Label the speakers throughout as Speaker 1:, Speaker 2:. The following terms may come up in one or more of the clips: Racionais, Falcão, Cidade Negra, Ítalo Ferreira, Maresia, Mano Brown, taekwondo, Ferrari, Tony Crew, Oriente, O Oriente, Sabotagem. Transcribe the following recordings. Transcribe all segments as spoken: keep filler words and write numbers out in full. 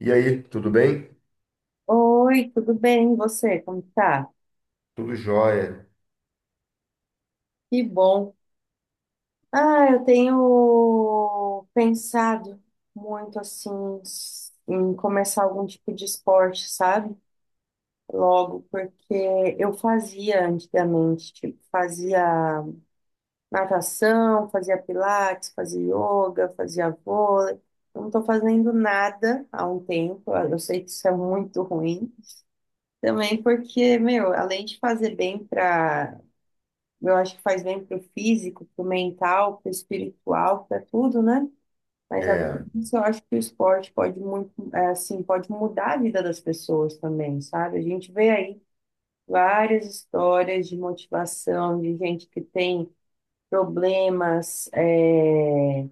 Speaker 1: E aí, tudo bem?
Speaker 2: Oi, tudo bem? E você? Como tá?
Speaker 1: Tudo jóia.
Speaker 2: Que bom. Ah, eu tenho pensado muito assim em começar algum tipo de esporte, sabe? Logo, porque eu fazia antigamente, tipo, fazia natação, fazia pilates, fazia yoga, fazia vôlei. Eu não tô fazendo nada há um tempo. Eu sei que isso é muito ruim. Também porque, meu, além de fazer bem para. Eu acho que faz bem pro físico, pro mental, pro espiritual, pra tudo, né? Mas além
Speaker 1: É,
Speaker 2: disso, eu acho que o esporte pode muito, é, assim, pode mudar a vida das pessoas também, sabe? A gente vê aí várias histórias de motivação, de gente que tem problemas, é,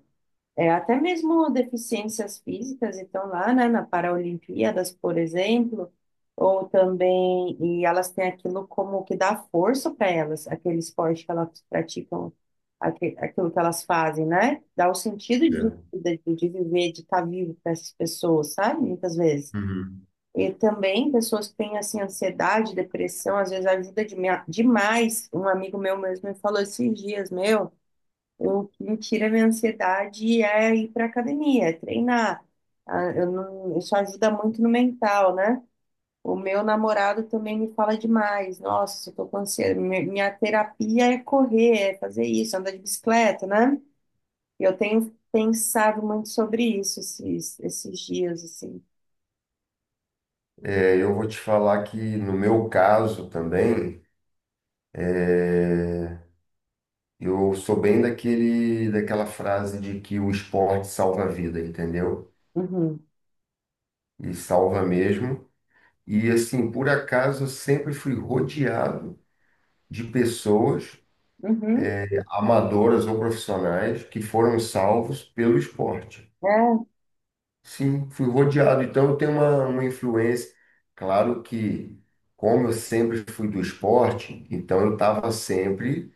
Speaker 2: é, até mesmo deficiências físicas estão lá, né, na Paralimpíadas, por exemplo, ou também, e elas têm aquilo como que dá força para elas, aquele esporte que elas praticam, aque- aquilo que elas fazem, né? Dá o sentido de
Speaker 1: é.
Speaker 2: vida, de, de viver, de estar vivo para essas pessoas, sabe? Muitas vezes.
Speaker 1: Uhum.
Speaker 2: E também pessoas que têm, assim, ansiedade, depressão, às vezes ajuda de- demais. Um amigo meu mesmo me falou esses dias, meu. O que me tira a minha ansiedade é ir para academia, é treinar. Ah, eu não- isso ajuda muito no mental, né? O meu namorado também me fala demais. Nossa, eu tô com ansiedade. Mi- Minha terapia é correr, é fazer isso, andar de bicicleta, né? E eu tenho pensado muito sobre isso esses, esses dias, assim.
Speaker 1: É, eu vou te falar que no meu caso também, é, eu sou bem daquele, daquela frase de que o esporte salva a vida, entendeu?
Speaker 2: Uhum.
Speaker 1: E salva mesmo. E assim, por acaso, eu sempre fui rodeado de pessoas,
Speaker 2: Uhum.
Speaker 1: amadoras ou profissionais, que foram salvos pelo esporte.
Speaker 2: É,
Speaker 1: Sim, fui rodeado. Então, eu tenho uma, uma influência. Claro que, como eu sempre fui do esporte, então eu estava sempre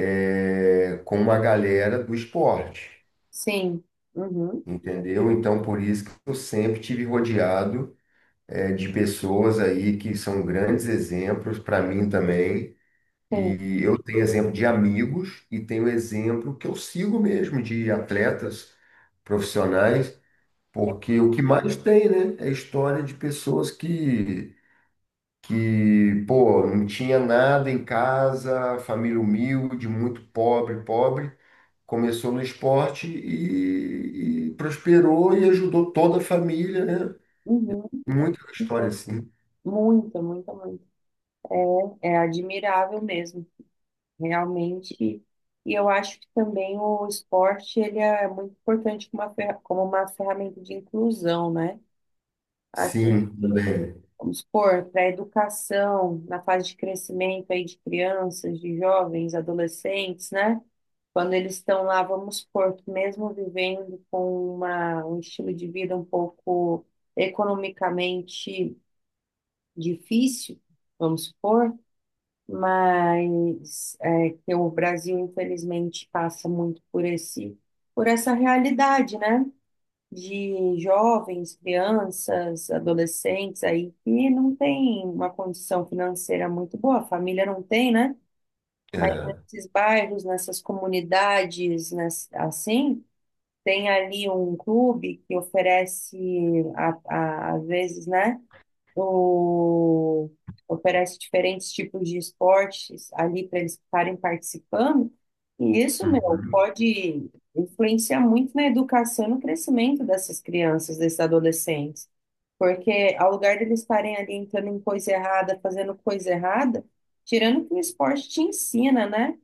Speaker 1: eh, com uma galera do esporte,
Speaker 2: sim. Uhum.
Speaker 1: entendeu? Então, por isso que eu sempre tive rodeado eh, de pessoas aí que são grandes exemplos para mim também.
Speaker 2: Sim.
Speaker 1: E eu tenho exemplo de amigos e tenho exemplo que eu sigo mesmo de atletas profissionais. Porque o que mais tem, né, é história de pessoas que, que, pô, não tinha nada em casa, família humilde, muito pobre, pobre, começou no esporte e, e prosperou e ajudou toda a família, né?
Speaker 2: Uhum.
Speaker 1: Muita história assim.
Speaker 2: Muita, muita, muita. É admirável mesmo, realmente. E e eu acho que também o esporte, ele é muito importante como uma, fer- como uma ferramenta de inclusão, né? Assim,
Speaker 1: Sim, também.
Speaker 2: vamos supor, para a educação, na fase de crescimento aí de crianças, de jovens, adolescentes, né? Quando eles estão lá, vamos supor que mesmo vivendo com uma, um estilo de vida um pouco economicamente difícil, vamos supor. Mas é, que o Brasil, infelizmente, passa muito por esse, por essa realidade, né? De jovens, crianças, adolescentes aí que não tem uma condição financeira muito boa, a família não tem, né? Mas
Speaker 1: É.
Speaker 2: nesses bairros, nessas comunidades, ness- assim, tem ali um clube que oferece, a- a- às vezes, né, o- oferece diferentes tipos de esportes ali para eles estarem participando. E isso, meu,
Speaker 1: Uhum.
Speaker 2: pode influenciar muito na educação e no crescimento dessas crianças, desses adolescentes. Porque ao lugar deles estarem ali entrando em coisa errada, fazendo coisa errada, tirando que o esporte te ensina, né?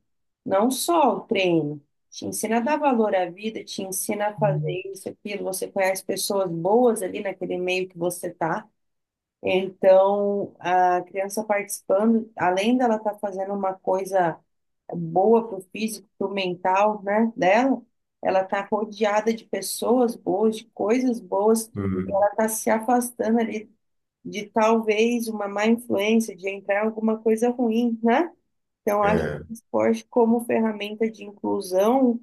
Speaker 2: Não só o treino. Te ensina a dar valor à vida, te ensina a fazer isso, aquilo. Você conhece pessoas boas ali naquele meio que você tá. Então, a criança participando, além dela estar fazendo uma coisa boa para o físico, para o mental, né, dela, ela está rodeada de pessoas boas, de coisas boas, ela
Speaker 1: Uhum.
Speaker 2: está se afastando ali de talvez uma má influência, de entrar em alguma coisa ruim, né? Então, acho que
Speaker 1: É,
Speaker 2: o esporte como ferramenta de inclusão,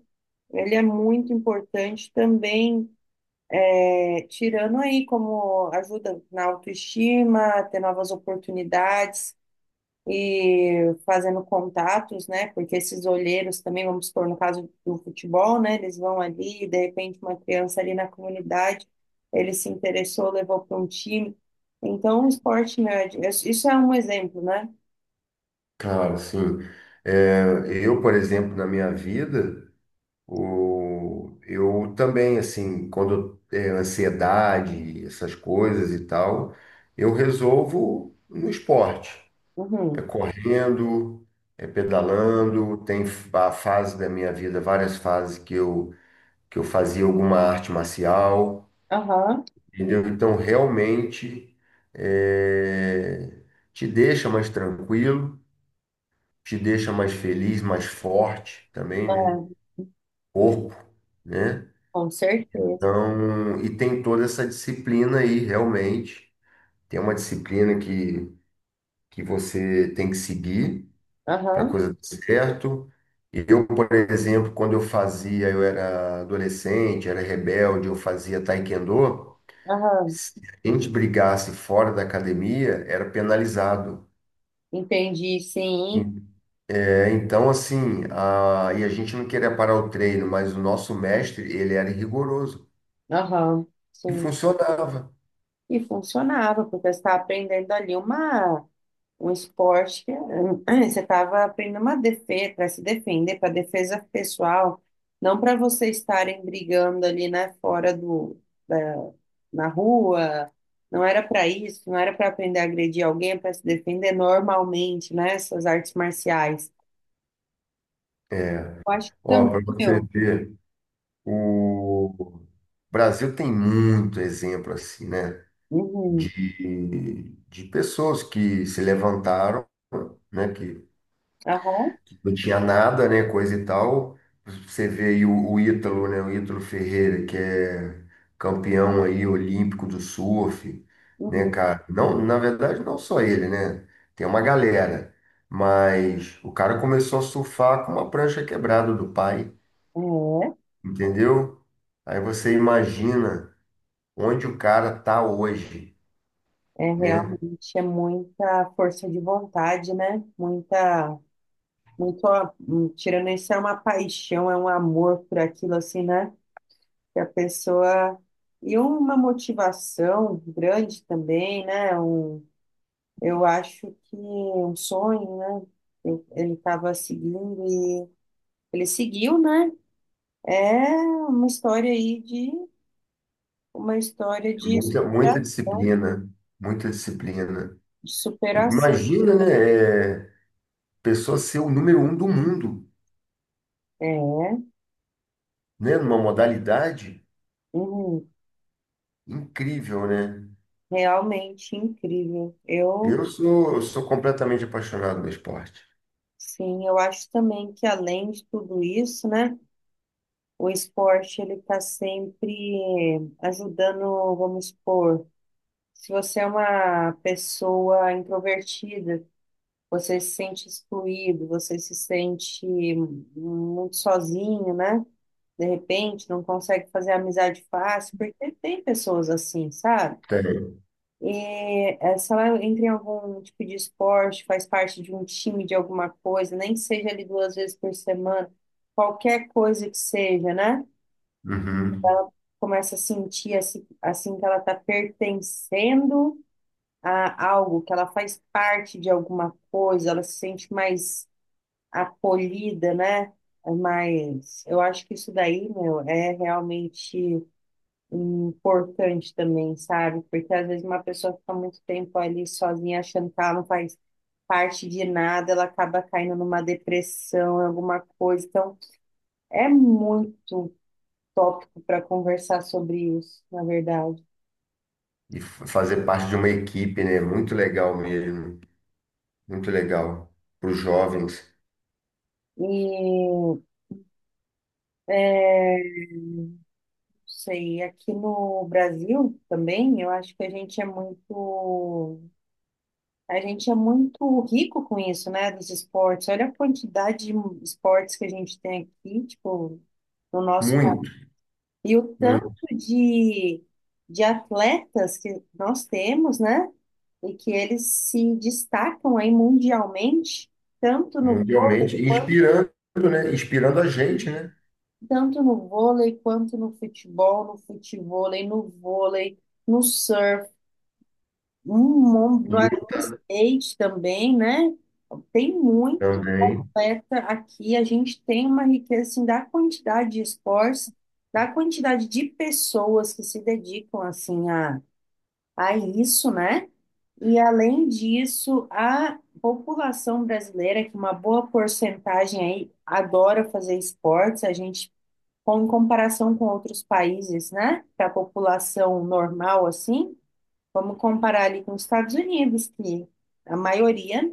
Speaker 2: ele é muito importante também, é, tirando aí como ajuda na autoestima, ter novas oportunidades e fazendo contatos, né? Porque esses olheiros também, vamos supor, no caso do futebol, né? Eles vão ali, e de repente uma criança ali na comunidade, ele se interessou, levou para um time. Então, o esporte nerd, isso isso é um exemplo, né?
Speaker 1: claro, sim. É, eu, por exemplo, na minha vida. O, eu também, assim, quando é ansiedade, essas coisas e tal, eu resolvo no esporte. É
Speaker 2: Uhum.
Speaker 1: correndo, é pedalando, tem a fase da minha vida, várias fases que eu, que eu fazia alguma arte marcial,
Speaker 2: Aham,
Speaker 1: entendeu? Então, realmente, é, te deixa mais tranquilo, te deixa mais feliz, mais forte também, né?
Speaker 2: é,
Speaker 1: Corpo, né?
Speaker 2: com certeza.
Speaker 1: Então, e tem toda essa disciplina aí, realmente. Tem uma disciplina que, que você tem que seguir para a
Speaker 2: Aham,
Speaker 1: coisa dar certo. E eu, por exemplo, quando eu fazia, eu era adolescente, era rebelde, eu fazia taekwondo.
Speaker 2: aham.
Speaker 1: Se a gente brigasse fora da academia, era penalizado.
Speaker 2: Entendi, sim.
Speaker 1: En- É, então, assim, a, e a gente não queria parar o treino, mas o nosso mestre, ele era rigoroso.
Speaker 2: Aham,
Speaker 1: E
Speaker 2: sim.
Speaker 1: funcionava.
Speaker 2: E funcionava, porque você estava aprendendo ali uma, um esporte que, eh, você estava aprendendo uma defesa, para se defender, para defesa pessoal, não para vocês estarem brigando ali, né, fora do, da- na rua, não era para isso, não era para aprender a agredir alguém, para se defender normalmente, né, essas artes marciais.
Speaker 1: É,
Speaker 2: Eu acho que
Speaker 1: ó,
Speaker 2: também,
Speaker 1: para você
Speaker 2: meu.
Speaker 1: ver. O Brasil tem muito exemplo assim, né?
Speaker 2: Uhum.
Speaker 1: De, de pessoas que se levantaram, né? Que,
Speaker 2: Aham.
Speaker 1: que não tinha nada, né? Coisa e tal. Você vê aí o, o Ítalo, né? O Ítalo Ferreira, que é campeão aí olímpico do surf, né, cara? Não, na verdade, não só ele, né? Tem uma galera. Mas o cara começou a surfar com uma prancha quebrada do pai,
Speaker 2: Uhum.
Speaker 1: entendeu? Aí você imagina onde o cara está hoje,
Speaker 2: É, é
Speaker 1: né?
Speaker 2: realmente é muita força de vontade, né? Muita muito, a- hum, tirando isso, é uma paixão, é um amor por aquilo, assim, né? Que a pessoa. E uma motivação grande também, né? Um, eu acho que um sonho, né? Eu- Ele estava seguindo e ele seguiu, né? É uma história aí de uma história de
Speaker 1: Muita, muita
Speaker 2: superação,
Speaker 1: disciplina, muita disciplina.
Speaker 2: de superação.
Speaker 1: Imagina, né? É, pessoa ser o número um do mundo,
Speaker 2: É,
Speaker 1: né? Numa modalidade
Speaker 2: uhum,
Speaker 1: incrível, né?
Speaker 2: realmente incrível. Eu,
Speaker 1: Eu sou, eu sou completamente apaixonado no esporte.
Speaker 2: sim, eu acho também que além de tudo isso, né? O esporte, ele está sempre ajudando, vamos supor, se você é uma pessoa introvertida, você se sente excluído, você se sente muito sozinho, né? De repente, não consegue fazer amizade fácil, porque tem pessoas assim, sabe?
Speaker 1: Tem.
Speaker 2: E é, se ela entra em algum tipo de esporte, faz parte de um time de alguma coisa, nem que seja ali duas vezes por semana, qualquer coisa que seja, né?
Speaker 1: Uhum.
Speaker 2: Começa a sentir assim, assim que ela está pertencendo a algo, que ela faz parte de alguma coisa, ela se sente mais acolhida, né? Mas eu acho que isso daí, meu, é realmente importante também, sabe? Porque às vezes uma pessoa fica muito tempo ali sozinha, achando que ela não faz parte de nada, ela acaba caindo numa depressão, em alguma coisa. Então, é muito tópico para conversar sobre isso, na verdade.
Speaker 1: E f- fazer parte de uma equipe, né? Muito legal mesmo, muito legal para os jovens.
Speaker 2: E é, não sei, aqui no Brasil também, eu acho que a gente é muito, a gente é muito, rico com isso, né, dos esportes. Olha a quantidade de esportes que a gente tem aqui, tipo, no nosso país.
Speaker 1: Muito,
Speaker 2: E o tanto
Speaker 1: muito,
Speaker 2: de, de atletas que nós temos, né, e que eles se destacam aí mundialmente, tanto no,
Speaker 1: mundialmente, e inspirando, né? Inspirando a gente, né?
Speaker 2: tanto no vôlei, quanto no futebol, no futevôlei, no vôlei, no surf, um mundo, no
Speaker 1: E
Speaker 2: no skate também, né? Tem muito
Speaker 1: também.
Speaker 2: atleta aqui. A gente tem uma riqueza assim, da quantidade de esportes, da quantidade de pessoas que se dedicam assim a, a isso, né? E além disso, a população brasileira, que uma boa porcentagem aí adora fazer esportes, a gente, com- em comparação com outros países, né? Para a população normal assim. Vamos comparar ali com os Estados Unidos, que a maioria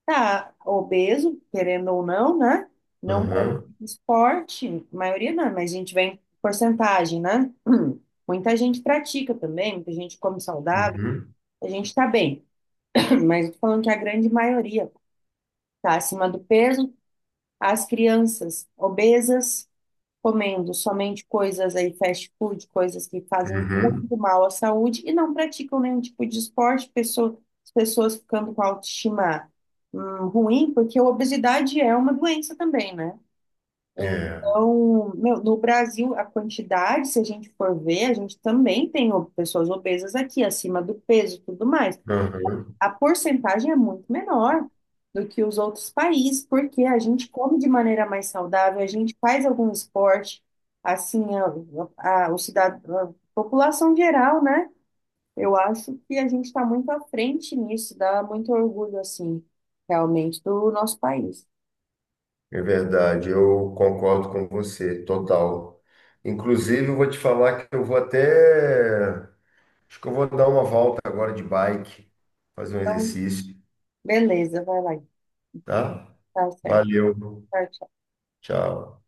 Speaker 2: está obeso, querendo ou não, né? Não pratica
Speaker 1: Uhum,
Speaker 2: esporte, a maioria não, mas a gente vê em porcentagem, né? Muita gente pratica também, muita gente come saudável,
Speaker 1: uhum,
Speaker 2: a gente está bem, mas eu tô falando que a grande maioria está acima do peso, as crianças obesas comendo somente coisas aí, fast food, coisas que fazem
Speaker 1: uhum.
Speaker 2: muito mal à saúde e não praticam nenhum tipo de esporte, pessoa- as pessoas ficando com a autoestima hum, ruim, porque a obesidade é uma doença também, né?
Speaker 1: É,
Speaker 2: Então, meu, no Brasil, a quantidade, se a gente for ver, a gente também tem o- pessoas obesas aqui, acima do peso e tudo mais.
Speaker 1: uhum,
Speaker 2: A porcentagem é muito menor do que os outros países, porque a gente come de maneira mais saudável, a gente faz algum esporte, assim, a, a, o cidad a população geral, né? Eu acho que a gente está muito à frente nisso, dá muito orgulho, assim, realmente, do nosso país.
Speaker 1: é verdade, eu concordo com você, total. Inclusive, eu vou te falar que eu vou até. Acho que eu vou dar uma volta agora de bike, fazer um exercício,
Speaker 2: Beleza, vai lá.
Speaker 1: tá?
Speaker 2: Tá certo.
Speaker 1: Valeu,
Speaker 2: Tá.
Speaker 1: tchau.